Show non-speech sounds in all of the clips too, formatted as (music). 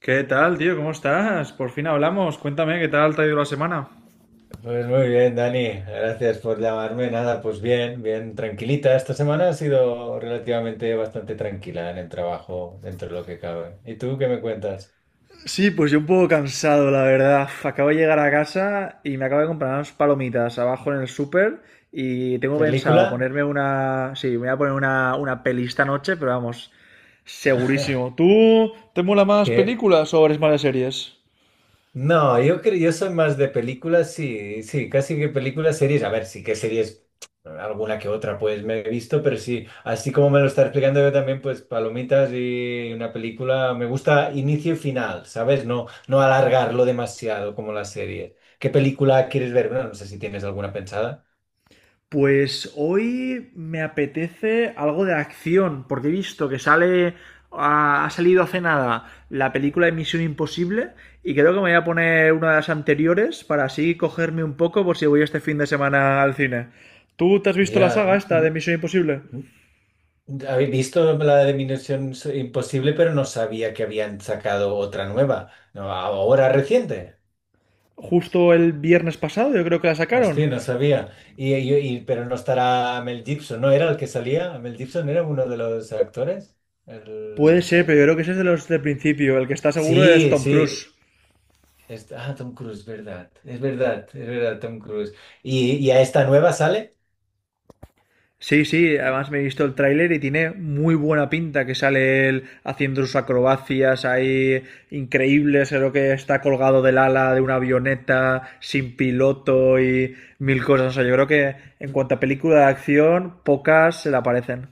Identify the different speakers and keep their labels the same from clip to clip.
Speaker 1: ¿Qué tal, tío? ¿Cómo estás? Por fin hablamos. Cuéntame, ¿qué tal te ha ido la semana?
Speaker 2: Pues muy bien, Dani, gracias por llamarme. Nada, pues bien, bien, tranquilita. Esta semana ha sido relativamente bastante tranquila en el trabajo, dentro de lo que cabe. ¿Y tú qué me cuentas?
Speaker 1: Sí, pues yo un poco cansado, la verdad. Acabo de llegar a casa y me acabo de comprar unas palomitas abajo en el súper y tengo pensado
Speaker 2: ¿Película?
Speaker 1: ponerme una... Sí, me voy a poner una peli esta noche, pero vamos, segurísimo.
Speaker 2: (laughs)
Speaker 1: ¿Tú te mola más
Speaker 2: ¿Qué?
Speaker 1: películas o eres más de series?
Speaker 2: No, yo soy más de películas, sí, sí, casi que películas, series. A ver, sí que series, alguna que otra, pues me he visto, pero sí, así como me lo está explicando yo también, pues palomitas y una película, me gusta inicio y final, ¿sabes? No, no alargarlo demasiado como la serie. ¿Qué película quieres ver? Bueno, no sé si tienes alguna pensada.
Speaker 1: Pues hoy me apetece algo de acción, porque he visto que sale, ha salido hace nada la película de Misión Imposible y creo que me voy a poner una de las anteriores para así cogerme un poco por si voy este fin de semana al cine. ¿Tú te has visto la
Speaker 2: Ya,
Speaker 1: saga esta de Misión Imposible?
Speaker 2: n- habéis visto la de Misión Imposible, pero no sabía que habían sacado otra nueva, ¿no? Ahora reciente.
Speaker 1: Justo el viernes pasado, yo creo que la sacaron.
Speaker 2: Hostia, no sabía. Pero no estará Mel Gibson, ¿no era el que salía? ¿Mel Gibson era uno de los actores?
Speaker 1: Puede
Speaker 2: El,
Speaker 1: ser, pero yo
Speaker 2: el-
Speaker 1: creo que ese es de los del principio. El que está seguro es
Speaker 2: Sí,
Speaker 1: Tom
Speaker 2: sí.
Speaker 1: Cruise.
Speaker 2: Ah, Tom Cruise, verdad. Es verdad, es verdad, Tom Cruise. ¿Y a esta nueva sale?
Speaker 1: Sí, sí, además me he visto el tráiler y tiene muy buena pinta que sale él haciendo sus acrobacias ahí increíbles, creo que está colgado del ala de una avioneta sin piloto y mil cosas. O sea, yo creo que en cuanto a película de acción, pocas se le aparecen.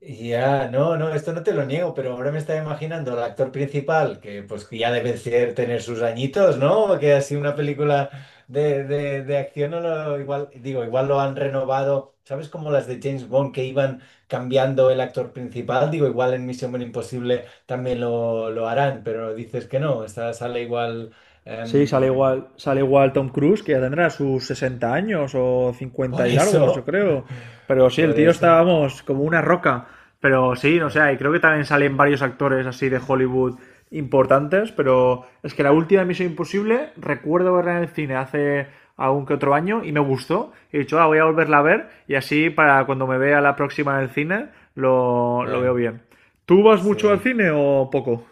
Speaker 2: Ya, no, no, esto no te lo niego, pero ahora me estaba imaginando al actor principal, que pues que ya debe ser tener sus añitos, ¿no? Que así una película de acción, no lo- igual, digo, igual lo han renovado, ¿sabes? Como las de James Bond que iban cambiando el actor principal, digo, igual en Misión Imposible también lo harán, pero dices que no, esta sale igual.
Speaker 1: Sí,
Speaker 2: em,
Speaker 1: sale igual Tom Cruise, que ya tendrá sus 60 años o 50
Speaker 2: por
Speaker 1: y largos, yo
Speaker 2: eso,
Speaker 1: creo. Pero
Speaker 2: (laughs)
Speaker 1: sí, el
Speaker 2: por
Speaker 1: tío está,
Speaker 2: eso.
Speaker 1: vamos, como una roca. Pero sí, no
Speaker 2: Bueno,
Speaker 1: sé, y creo que también salen varios actores así de Hollywood importantes, pero es que la última Misión Imposible recuerdo verla en el cine hace algún que otro año y me gustó. He dicho, ah, voy a volverla a ver y así para cuando me vea la próxima en el cine lo
Speaker 2: eh,
Speaker 1: veo bien. ¿Tú vas mucho al
Speaker 2: sí.
Speaker 1: cine o poco?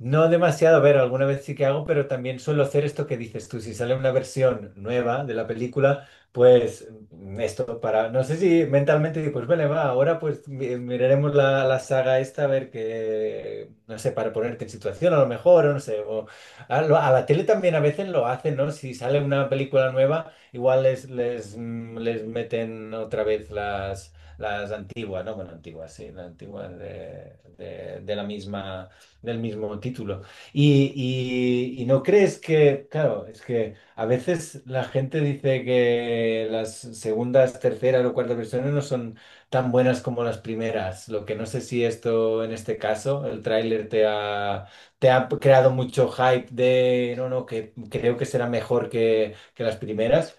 Speaker 2: No demasiado, a ver, alguna vez sí que hago, pero también suelo hacer esto que dices tú. Si sale una versión nueva de la película, pues esto para, no sé si mentalmente digo, pues vale, va, ahora pues miraremos la saga esta a ver qué, no sé, para ponerte en situación a lo mejor, o no sé, o a la tele también a veces lo hacen, ¿no? Si sale una película nueva, igual les meten otra vez las antigua, ¿no? Bueno, antigua, sí, la antigua de, de la misma, del mismo título. Y, y no crees que, claro, es que a veces la gente dice que las segundas, terceras o cuartas versiones no son tan buenas como las primeras, lo que no sé si esto, en este caso, el tráiler te ha creado mucho hype de, no, no, que creo que será mejor que las primeras,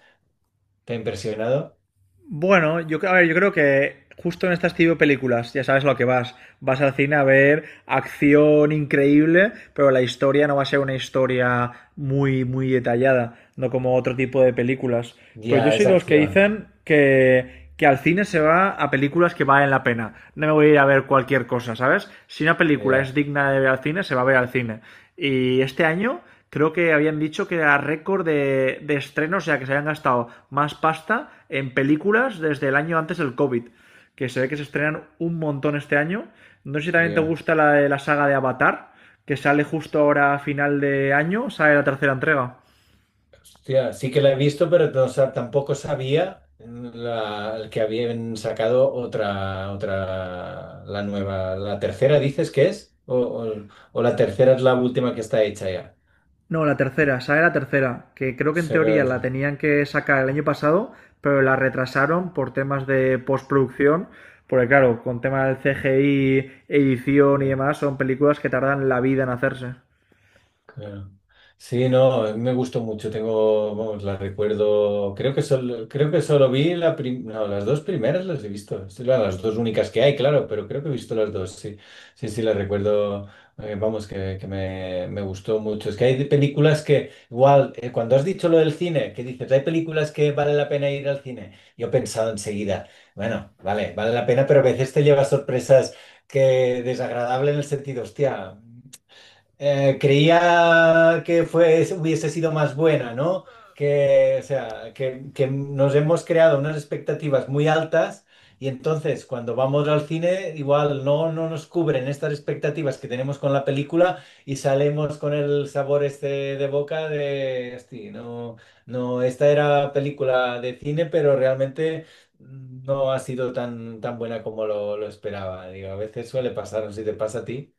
Speaker 2: ¿te ha impresionado?
Speaker 1: Bueno, yo, a ver, yo creo que justo en estas tipo de películas, ya sabes a lo que vas. Vas al cine a ver acción increíble, pero la historia no va a ser una historia muy, muy detallada, no como otro tipo de películas. Pero yo
Speaker 2: Ya,
Speaker 1: soy
Speaker 2: es
Speaker 1: de los que
Speaker 2: acción.
Speaker 1: dicen que al cine se va a películas que valen la pena. No me voy a ir a ver cualquier cosa, ¿sabes? Si una película es
Speaker 2: Ya,
Speaker 1: digna de ver al cine, se va a ver al cine. Y este año creo que habían dicho que era récord de estrenos, o sea, que se habían gastado más pasta en películas desde el año antes del COVID. Que se ve que se estrenan un montón este año. No sé si también te
Speaker 2: ya.
Speaker 1: gusta la de la saga de Avatar, que sale justo ahora a final de año, sale la tercera entrega.
Speaker 2: Hostia, sí que la he visto, pero tampoco sabía, la, que habían sacado otra, otra, la nueva. ¿La tercera dices que es? ¿O, o la tercera es la última que está hecha ya?
Speaker 1: No, la tercera, esa es la tercera, que creo
Speaker 2: O
Speaker 1: que en
Speaker 2: sea,
Speaker 1: teoría la
Speaker 2: que
Speaker 1: tenían que sacar el año pasado, pero la retrasaron por temas de postproducción, porque claro, con temas del CGI, edición y
Speaker 2: ya.
Speaker 1: demás, son películas que tardan la vida en hacerse.
Speaker 2: Claro. Sí, no, a mí me gustó mucho. Tengo, vamos, la recuerdo. Creo que solo no, las dos primeras las he visto. Sí, las dos únicas que hay, claro, pero creo que he visto las dos. Sí, sí, sí, las recuerdo. Vamos, que, me gustó mucho. Es que hay de películas que, igual, cuando has dicho lo del cine, que dices, hay películas que vale la pena ir al cine. Yo he pensado enseguida, bueno, vale, vale la pena, pero a veces te lleva sorpresas que desagradable en el sentido, hostia. Creía que fue, hubiese sido más buena, ¿no? Que, o sea, que nos hemos creado unas expectativas muy altas y entonces cuando vamos al cine igual no, no nos cubren estas expectativas que tenemos con la película y salimos con el sabor este de boca de, "Hosti, no, no, esta era película de cine, pero realmente no ha sido tan, tan buena como lo esperaba". Digo, a veces suele pasar, no sé si te pasa a ti.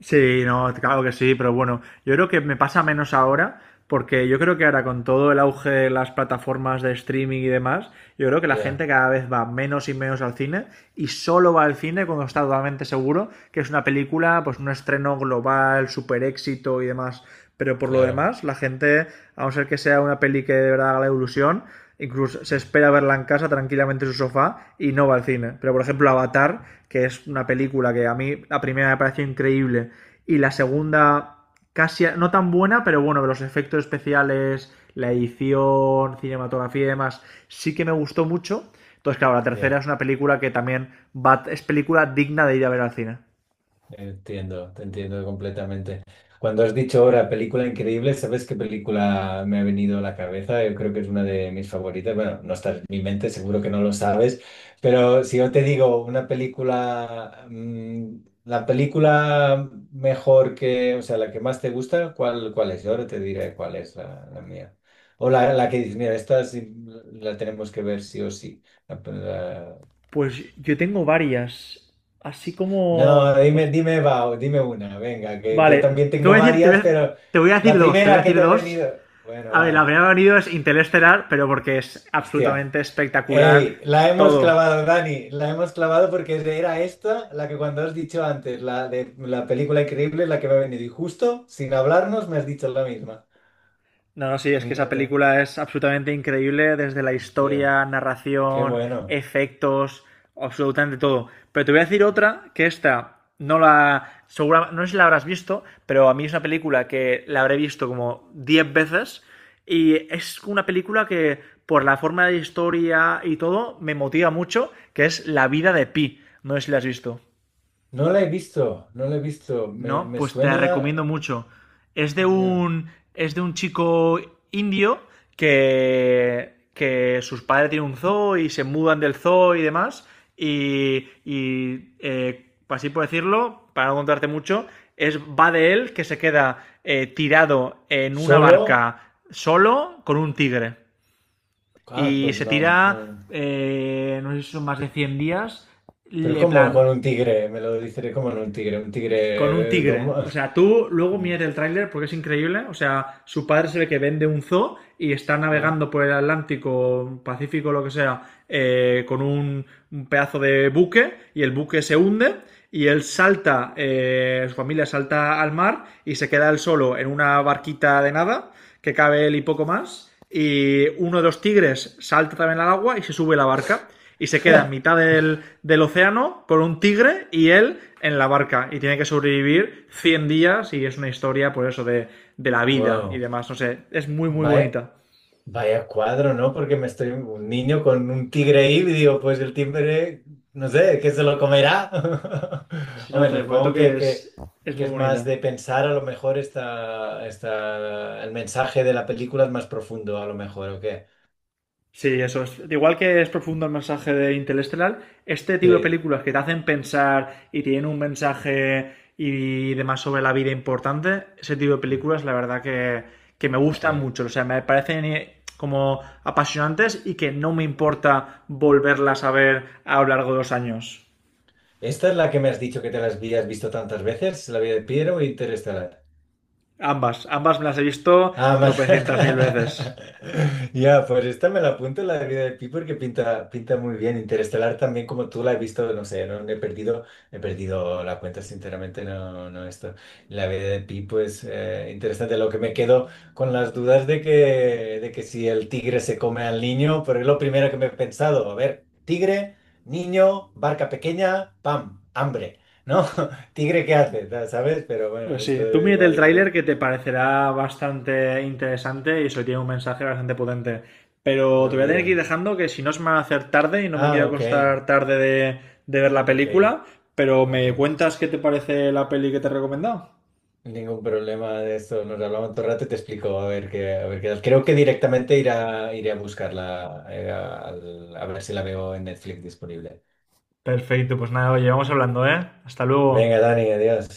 Speaker 1: Sí, no, claro que sí, pero bueno, yo creo que me pasa menos ahora, porque yo creo que ahora con todo el auge de las plataformas de streaming y demás, yo creo que la
Speaker 2: Ya,
Speaker 1: gente cada vez va menos y menos al cine y solo va al cine cuando está totalmente seguro que es una película, pues un estreno global, super éxito y demás. Pero por lo
Speaker 2: claro.
Speaker 1: demás, la gente, a no ser que sea una peli que de verdad haga la ilusión, incluso se espera verla en casa tranquilamente en su sofá y no va al cine. Pero por ejemplo Avatar, que es una película que a mí la primera me pareció increíble y la segunda casi no tan buena, pero bueno, los efectos especiales, la edición, cinematografía y demás, sí que me gustó mucho. Entonces, claro, la tercera
Speaker 2: Ya,
Speaker 1: es una película que también va, es película digna de ir a ver al cine.
Speaker 2: entiendo, te entiendo completamente. Cuando has dicho ahora película increíble, ¿sabes qué película me ha venido a la cabeza? Yo creo que es una de mis favoritas. Bueno, no está en mi mente, seguro que no lo sabes, pero si yo te digo una película, la película mejor que, o sea, la que más te gusta, ¿cuál, cuál es? Yo ahora te diré cuál es la mía. O la que dices, mira, esta sí la tenemos que ver sí o sí.
Speaker 1: Pues yo tengo varias, así
Speaker 2: No,
Speaker 1: como...
Speaker 2: dime,
Speaker 1: os-
Speaker 2: dime, va, dime una, venga, que yo
Speaker 1: Vale,
Speaker 2: también tengo varias, pero
Speaker 1: te voy a
Speaker 2: la
Speaker 1: decir dos, te voy a
Speaker 2: primera que
Speaker 1: decir
Speaker 2: te ha
Speaker 1: dos
Speaker 2: venido. Bueno,
Speaker 1: A ver, la
Speaker 2: va,
Speaker 1: primera que ha venido es Interestelar, pero porque es
Speaker 2: hostia.
Speaker 1: absolutamente espectacular
Speaker 2: Ey, la hemos
Speaker 1: todo.
Speaker 2: clavado, Dani, la hemos clavado porque era esta, la que cuando has dicho antes, la de la película increíble, la que me ha venido. Y justo, sin hablarnos, me has dicho la misma.
Speaker 1: No, no, sí, es que esa
Speaker 2: Fíjate,
Speaker 1: película es absolutamente increíble desde la
Speaker 2: hostia,
Speaker 1: historia,
Speaker 2: qué
Speaker 1: narración,
Speaker 2: bueno.
Speaker 1: efectos, absolutamente todo. Pero te voy a decir otra que esta no la. Segura, no sé si la habrás visto, pero a mí es una película que la habré visto como 10 veces. Y es una película que, por la forma de historia y todo, me motiva mucho, que es La vida de Pi. No sé si la has visto.
Speaker 2: No la he visto, no la he visto,
Speaker 1: ¿No?
Speaker 2: me
Speaker 1: Pues te la
Speaker 2: suena.
Speaker 1: recomiendo mucho. Es de
Speaker 2: Ya.
Speaker 1: un, es de un chico indio que sus padres tienen un zoo y se mudan del zoo y demás. Así por decirlo, para no contarte mucho, va de él que se queda tirado en una
Speaker 2: Solo.
Speaker 1: barca solo con un tigre.
Speaker 2: Ah,
Speaker 1: Y
Speaker 2: pues
Speaker 1: se
Speaker 2: no,
Speaker 1: tira,
Speaker 2: no.
Speaker 1: no sé si son más de 100 días,
Speaker 2: Pero
Speaker 1: le
Speaker 2: ¿cómo
Speaker 1: plan
Speaker 2: con un tigre? Me lo dice cómo en un
Speaker 1: con un
Speaker 2: tigre
Speaker 1: tigre. O sea, tú luego
Speaker 2: (laughs)
Speaker 1: mírate el tráiler porque es increíble. O sea, su padre se ve que vende un zoo y está
Speaker 2: ¿Eh?
Speaker 1: navegando por el Atlántico, Pacífico, lo que sea, eh, con un, un pedazo de buque y el buque se hunde y él salta, su familia salta al mar y se queda él solo en una barquita de nada que cabe él y poco más. Y uno de los tigres salta también al agua y se sube la barca. Y se queda en mitad del océano con un tigre y él en la barca. Y tiene que sobrevivir 100 días y es una historia, por eso, de la vida y
Speaker 2: Wow.
Speaker 1: demás. No sé, es muy, muy
Speaker 2: Vaya,
Speaker 1: bonita.
Speaker 2: vaya cuadro, ¿no? Porque me estoy un niño con un tigre ahí y digo, pues el tigre, no sé, ¿qué se lo comerá? (laughs)
Speaker 1: Sí, no,
Speaker 2: Bueno,
Speaker 1: te prometo
Speaker 2: supongo
Speaker 1: que es
Speaker 2: que
Speaker 1: muy
Speaker 2: es más
Speaker 1: bonita.
Speaker 2: de pensar, a lo mejor está, está el mensaje de la película es más profundo, a lo mejor, ¿o qué?
Speaker 1: Sí, eso es. Igual que es profundo el mensaje de Interestelar, este tipo de
Speaker 2: Sí.
Speaker 1: películas que te hacen pensar y tienen un mensaje y demás sobre la vida importante, ese tipo de
Speaker 2: Mm,
Speaker 1: películas, la verdad que me gustan
Speaker 2: sí.
Speaker 1: mucho. O sea, me parecen como apasionantes y que no me importa volverlas a ver a lo largo de los años.
Speaker 2: ¿Esta es la que me has dicho que te la habías visto tantas veces? ¿La vida de Piero o Interestelar?
Speaker 1: Ambas, ambas me las he visto
Speaker 2: Ah, más.
Speaker 1: tropecientas mil veces.
Speaker 2: (laughs) Ya, pues esta me la apunto, la de vida de Pi, porque pinta, pinta muy bien. Interestelar también, como tú la he visto, no sé, no he perdido, he perdido la cuenta, sinceramente, no, no esto. La vida de Pi, pues interesante. Lo que me quedo con las dudas de que si el tigre se come al niño, pero es lo primero que me he pensado. A ver, tigre, niño, barca pequeña, pam, hambre, ¿no? (laughs) Tigre, ¿qué hace? ¿Sabes? Pero bueno,
Speaker 1: Pues
Speaker 2: esto
Speaker 1: sí, tú mírate el
Speaker 2: igual,
Speaker 1: tráiler
Speaker 2: igual
Speaker 1: que te parecerá bastante interesante y eso tiene un mensaje bastante potente. Pero te
Speaker 2: lo
Speaker 1: voy a tener que
Speaker 2: miro.
Speaker 1: ir dejando que si no se me va a hacer tarde y no me quiero
Speaker 2: Ah, ok,
Speaker 1: acostar tarde de ver la
Speaker 2: ok,
Speaker 1: película, pero
Speaker 2: ok.
Speaker 1: me cuentas qué te parece la peli que te he recomendado.
Speaker 2: Ningún problema de esto. Nos hablamos otro rato y te explico a ver qué tal. Creo que directamente iré a, iré a buscarla, a ver si la veo en Netflix disponible.
Speaker 1: Perfecto, pues nada, oye, vamos hablando, ¿eh? Hasta
Speaker 2: Venga,
Speaker 1: luego.
Speaker 2: Dani, adiós.